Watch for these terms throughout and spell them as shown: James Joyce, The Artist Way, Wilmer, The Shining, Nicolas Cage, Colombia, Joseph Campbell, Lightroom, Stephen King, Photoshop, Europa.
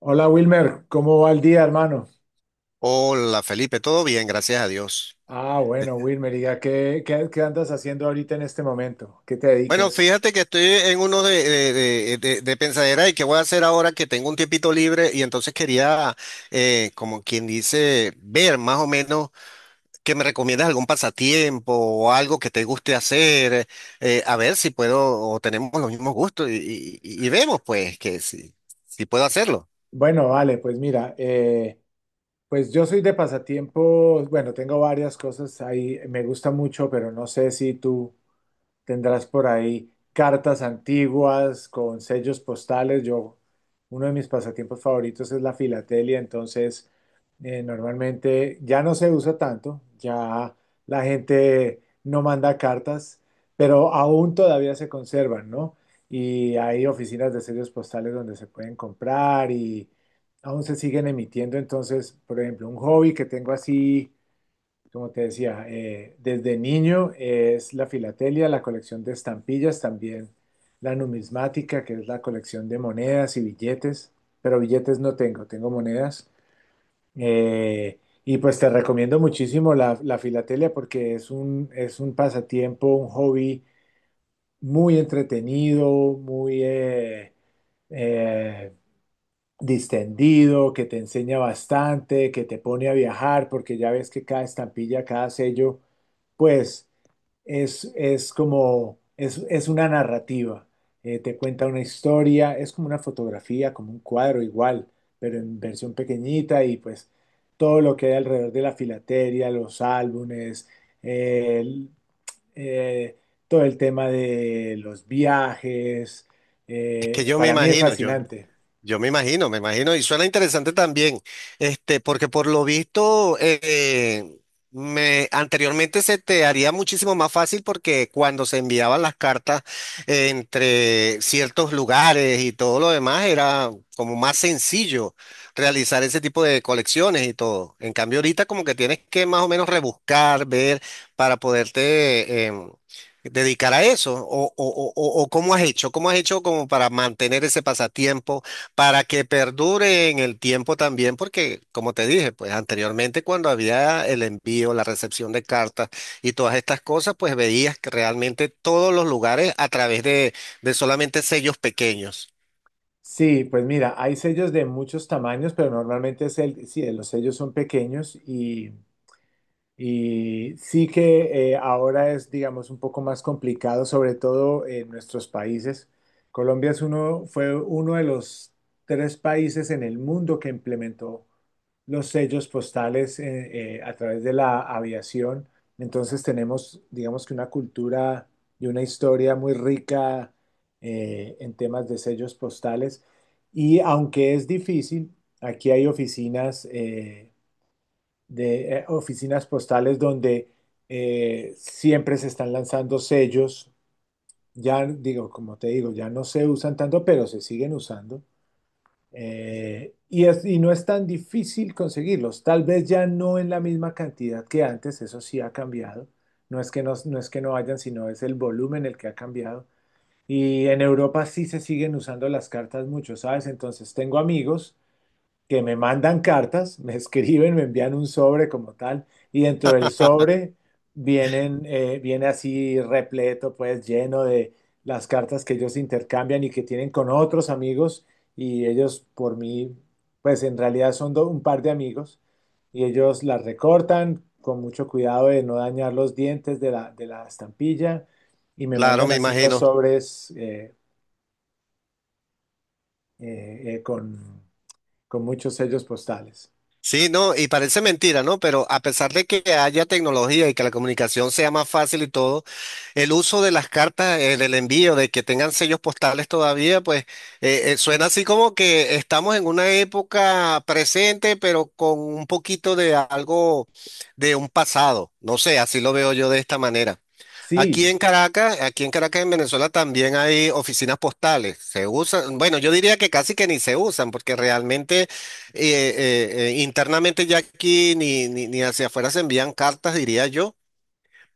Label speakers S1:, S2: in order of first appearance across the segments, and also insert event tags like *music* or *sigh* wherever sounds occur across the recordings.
S1: Hola Wilmer, ¿cómo va el día, hermano?
S2: Hola Felipe, todo bien, gracias a Dios.
S1: Bueno, Wilmer, diga, ¿qué andas haciendo ahorita en este momento? ¿Qué te
S2: Bueno,
S1: dedicas?
S2: fíjate que estoy en uno de pensadera y qué voy a hacer ahora que tengo un tiempito libre y entonces quería, como quien dice, ver más o menos que me recomiendas algún pasatiempo o algo que te guste hacer, a ver si puedo o tenemos los mismos gustos y, y vemos pues que si puedo hacerlo.
S1: Bueno, vale, pues mira, pues yo soy de pasatiempos, bueno, tengo varias cosas ahí, me gusta mucho, pero no sé si tú tendrás por ahí cartas antiguas con sellos postales. Yo, uno de mis pasatiempos favoritos es la filatelia, entonces normalmente ya no se usa tanto, ya la gente no manda cartas, pero aún todavía se conservan, ¿no? Y hay oficinas de sellos postales donde se pueden comprar y aún se siguen emitiendo. Entonces, por ejemplo, un hobby que tengo así como te decía, desde niño es la filatelia, la colección de estampillas, también la numismática, que es la colección de monedas y billetes, pero billetes no tengo, tengo monedas. Eh, y pues te recomiendo muchísimo la filatelia porque es un pasatiempo, un hobby muy entretenido, muy eh, distendido, que te enseña bastante, que te pone a viajar, porque ya ves que cada estampilla, cada sello, pues es una narrativa. Te cuenta una historia, es como una fotografía, como un cuadro igual, pero en versión pequeñita y pues todo lo que hay alrededor de la filatelia, los álbumes, eh, el- eh, todo el tema de los viajes,
S2: Es que yo me
S1: para mí es
S2: imagino, yo.
S1: fascinante.
S2: Yo me imagino, y suena interesante también, este, porque por lo visto, anteriormente se te haría muchísimo más fácil porque cuando se enviaban las cartas entre ciertos lugares y todo lo demás, era como más sencillo realizar ese tipo de colecciones y todo. En cambio, ahorita como que tienes que más o menos rebuscar, ver, para dedicar a eso o cómo has hecho como para mantener ese pasatiempo para que perdure en el tiempo también, porque como te dije, pues anteriormente cuando había el envío, la recepción de cartas y todas estas cosas, pues veías que realmente todos los lugares a través de solamente sellos pequeños.
S1: Sí, pues mira, hay sellos de muchos tamaños, pero normalmente es el, sí, los sellos son pequeños. Y sí que ahora es, digamos, un poco más complicado, sobre todo en nuestros países. Colombia es uno, fue uno de los tres países en el mundo que implementó los sellos postales a través de la aviación. Entonces tenemos, digamos, que una cultura y una historia muy rica en temas de sellos postales. Y aunque es difícil, aquí hay oficinas postales donde siempre se están lanzando sellos. Ya digo, como te digo, ya no se usan tanto, pero se siguen usando. Y, y no es tan difícil conseguirlos. Tal vez ya no en la misma cantidad que antes, eso sí ha cambiado. No es que no, no es que no hayan, sino es el volumen el que ha cambiado. Y en Europa sí se siguen usando las cartas mucho, ¿sabes? Entonces tengo amigos que me mandan cartas, me *laughs* escriben, me envían un sobre como tal, y dentro del sobre vienen, viene así repleto, pues lleno de las cartas que ellos intercambian y que tienen con otros amigos, y ellos por mí, pues en realidad son un par de amigos, y ellos las recortan con mucho cuidado de no dañar los dientes de la estampilla, y me
S2: Claro,
S1: mandan
S2: me
S1: así los
S2: imagino.
S1: sobres eh, eh, con, con muchos sellos postales.
S2: Sí, no, y parece mentira, ¿no? Pero a pesar de que haya tecnología y que la comunicación sea más fácil y todo, el uso de las cartas, del envío, de que tengan sellos postales todavía, pues suena así como que estamos en una época presente, pero con un poquito de algo de un pasado. No sé, así lo veo yo de esta manera.
S1: Sí,
S2: Aquí en Caracas, en Venezuela, también hay oficinas postales. Se usan, bueno, yo diría que casi que ni se usan, porque realmente internamente ya aquí ni hacia afuera se envían cartas, diría yo,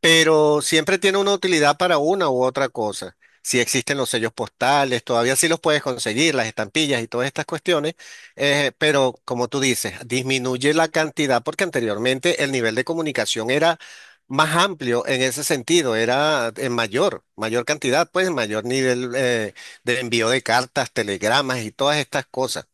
S2: pero siempre tiene una utilidad para una u otra cosa. Si existen los sellos postales, todavía sí los puedes conseguir, las estampillas y todas estas cuestiones, pero como tú dices, disminuye la cantidad porque anteriormente el nivel de comunicación era más amplio en ese sentido, era en mayor, mayor cantidad, pues mayor nivel de envío de cartas, telegramas y todas estas cosas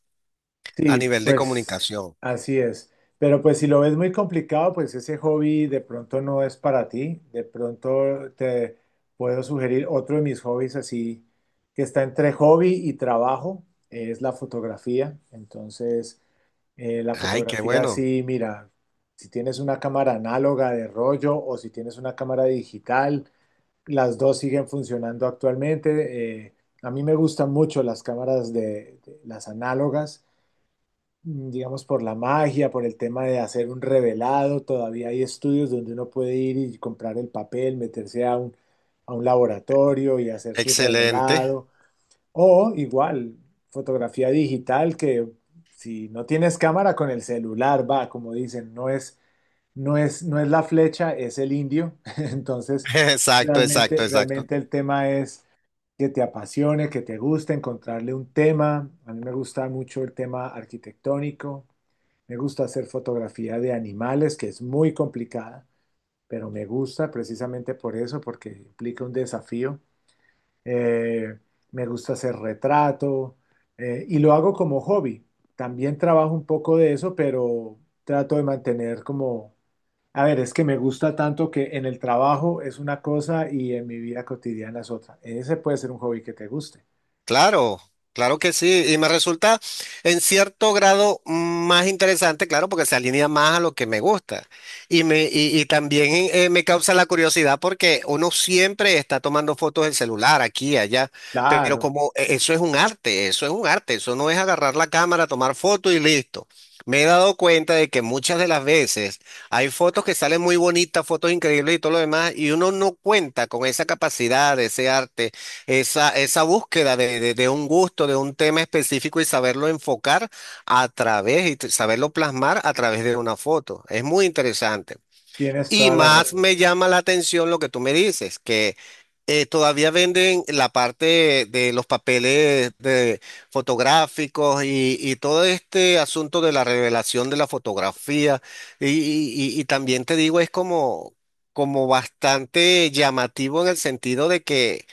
S2: a
S1: sí,
S2: nivel de
S1: pues
S2: comunicación.
S1: así es. Pero pues si lo ves muy complicado, pues ese hobby de pronto no es para ti. De pronto te puedo sugerir otro de mis hobbies, así que está entre hobby y trabajo, es la fotografía. Entonces, la
S2: Ay, qué
S1: fotografía
S2: bueno,
S1: sí, mira, si tienes una cámara análoga de rollo o si tienes una cámara digital, las dos siguen funcionando actualmente. A mí me gustan mucho las cámaras las análogas, digamos, por la magia, por el tema de hacer un revelado. Todavía hay estudios donde uno puede ir y comprar el papel, meterse a un laboratorio y hacer su
S2: excelente.
S1: revelado. O igual, fotografía digital que si no tienes cámara, con el celular, va, como dicen, no es la flecha, es el indio. *laughs*
S2: *laughs*
S1: Entonces,
S2: Exacto, exacto,
S1: realmente,
S2: exacto.
S1: realmente el tema es que te apasione, que te guste, encontrarle un tema. A mí me gusta mucho el tema arquitectónico, me gusta hacer fotografía de animales, que es muy complicada, pero me gusta precisamente por eso, porque implica un desafío. Eh, Me gusta hacer retrato, y lo hago como hobby. También trabajo un poco de eso, pero trato de mantener como, a ver, es que me gusta tanto que en el trabajo es una cosa y en mi vida cotidiana es otra. Ese puede ser un hobby que te guste.
S2: Claro, claro que sí, y me resulta en cierto grado más interesante, claro, porque se alinea más a lo que me gusta. Y también me causa la curiosidad porque uno siempre está tomando fotos del celular aquí, allá, pero
S1: Claro,
S2: como eso es un arte, eso es un arte, eso no es agarrar la cámara, tomar fotos y listo. Me he dado cuenta de que muchas de las veces hay fotos que salen muy bonitas, fotos increíbles y todo lo demás, y uno no cuenta con esa capacidad, ese arte, esa búsqueda de un gusto, de un tema específico y saberlo enfocar a través y saberlo plasmar a través de una foto. Es muy interesante.
S1: tienes
S2: Y
S1: toda la
S2: más
S1: razón.
S2: me llama la atención lo que tú me dices, que todavía venden la parte de los papeles de fotográficos y todo este asunto de la revelación de la fotografía. Y, y también te digo, es como, como bastante llamativo en el sentido de que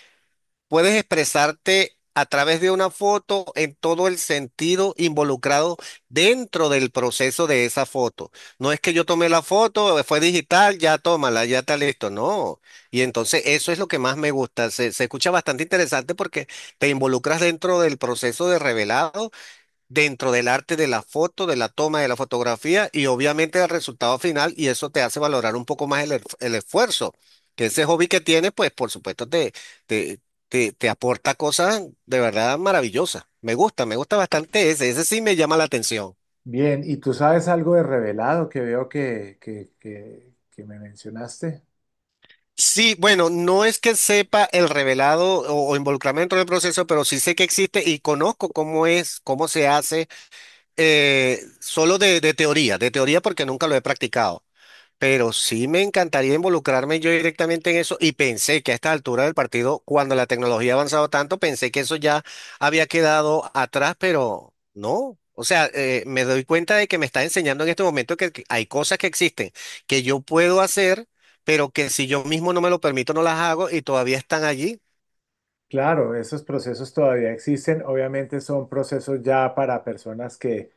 S2: puedes expresarte a través de una foto en todo el sentido involucrado dentro del proceso de esa foto. No es que yo tomé la foto, fue digital, ya tómala, ya está listo. No. Y entonces eso es lo que más me gusta. Se escucha bastante interesante porque te involucras dentro del proceso de revelado dentro del arte de la foto, de la toma, de la fotografía y obviamente del resultado final y eso te hace valorar un poco más el, el esfuerzo. Que ese hobby que tienes, pues por supuesto te, te aporta cosas de verdad maravillosas. Me gusta bastante ese, ese sí me llama la atención.
S1: Bien, ¿y tú sabes algo de revelado, que veo que, que me mencionaste?
S2: Sí, bueno, no es que sepa el revelado o involucrarme dentro del proceso, pero sí sé que existe y conozco cómo es, cómo se hace, solo de teoría, de teoría porque nunca lo he practicado. Pero sí me encantaría involucrarme yo directamente en eso y pensé que a esta altura del partido, cuando la tecnología ha avanzado tanto, pensé que eso ya había quedado atrás, pero no. O sea, me doy cuenta de que me está enseñando en este momento que hay cosas que existen, que yo puedo hacer, pero que si yo mismo no me lo permito, no las hago y todavía están allí.
S1: Claro, esos procesos todavía existen. Obviamente son procesos ya para personas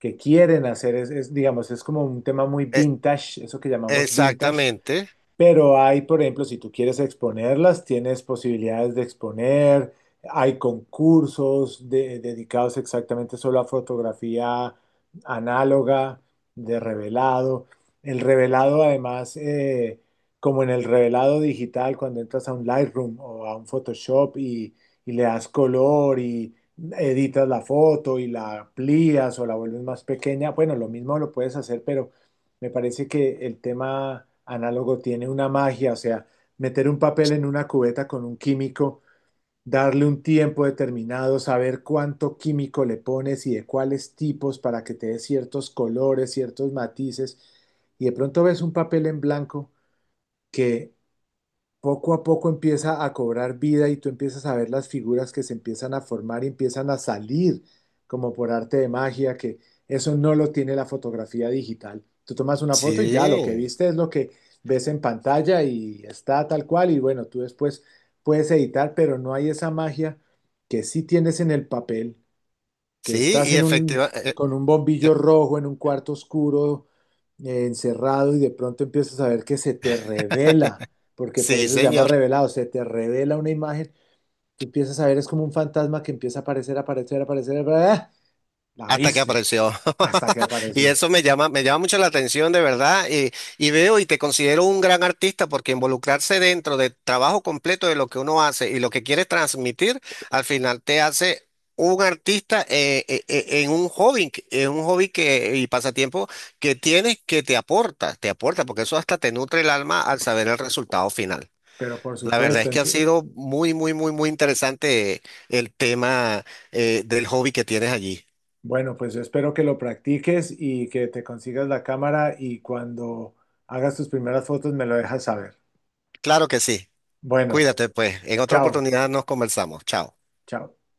S1: que quieren hacer, es, digamos, es como un tema muy
S2: Eh,
S1: vintage, eso que llamamos vintage.
S2: exactamente.
S1: Pero hay, por ejemplo, si tú quieres exponerlas, tienes posibilidades de exponer, hay dedicados exactamente solo a fotografía análoga, de revelado. El revelado, además, como en el revelado digital, cuando entras a un Lightroom o a un Photoshop y le das color y editas la foto y la amplías o la vuelves más pequeña, bueno, lo mismo lo puedes hacer, pero me parece que el tema análogo tiene una magia. O sea, meter un papel en una cubeta con un químico, darle un tiempo determinado, saber cuánto químico le pones y de cuáles tipos para que te dé ciertos colores, ciertos matices, y de pronto ves un papel en blanco que poco a poco empieza a cobrar vida y tú empiezas a ver las figuras que se empiezan a formar y empiezan a salir como por arte de magia, que eso no lo tiene la fotografía digital. Tú tomas una foto y ya lo que
S2: Sí,
S1: viste es lo que ves en pantalla, y está tal cual, y bueno, tú después puedes editar, pero no hay esa magia que sí tienes en el papel, que
S2: sí,
S1: estás
S2: y
S1: en un,
S2: efectivamente.
S1: con un bombillo rojo en un cuarto oscuro, encerrado, y de pronto empiezas a ver que se te revela, porque por
S2: Sí,
S1: eso se llama
S2: señor.
S1: revelado, se te revela una imagen, tú empiezas a ver, es como un fantasma que empieza a aparecer, aparecer, aparecer, ¡ah! La
S2: Hasta que
S1: viste,
S2: apareció.
S1: hasta que
S2: *laughs* Y
S1: apareció.
S2: eso me llama mucho la atención de verdad. Y veo y te considero un gran artista porque involucrarse dentro del trabajo completo de lo que uno hace y lo que quiere transmitir, al final te hace un artista en un hobby, en un hobby que, y pasatiempo que tienes que te aporta, porque eso hasta te nutre el alma al saber el resultado final.
S1: Pero por
S2: La verdad
S1: supuesto,
S2: es que ha sido muy, muy, muy, muy interesante el tema del hobby que tienes allí.
S1: bueno, pues yo espero que lo practiques y que te consigas la cámara y cuando hagas tus primeras fotos me lo dejas saber.
S2: Claro que sí.
S1: Bueno,
S2: Cuídate, pues. En otra
S1: chao,
S2: oportunidad nos conversamos. Chao.
S1: chao.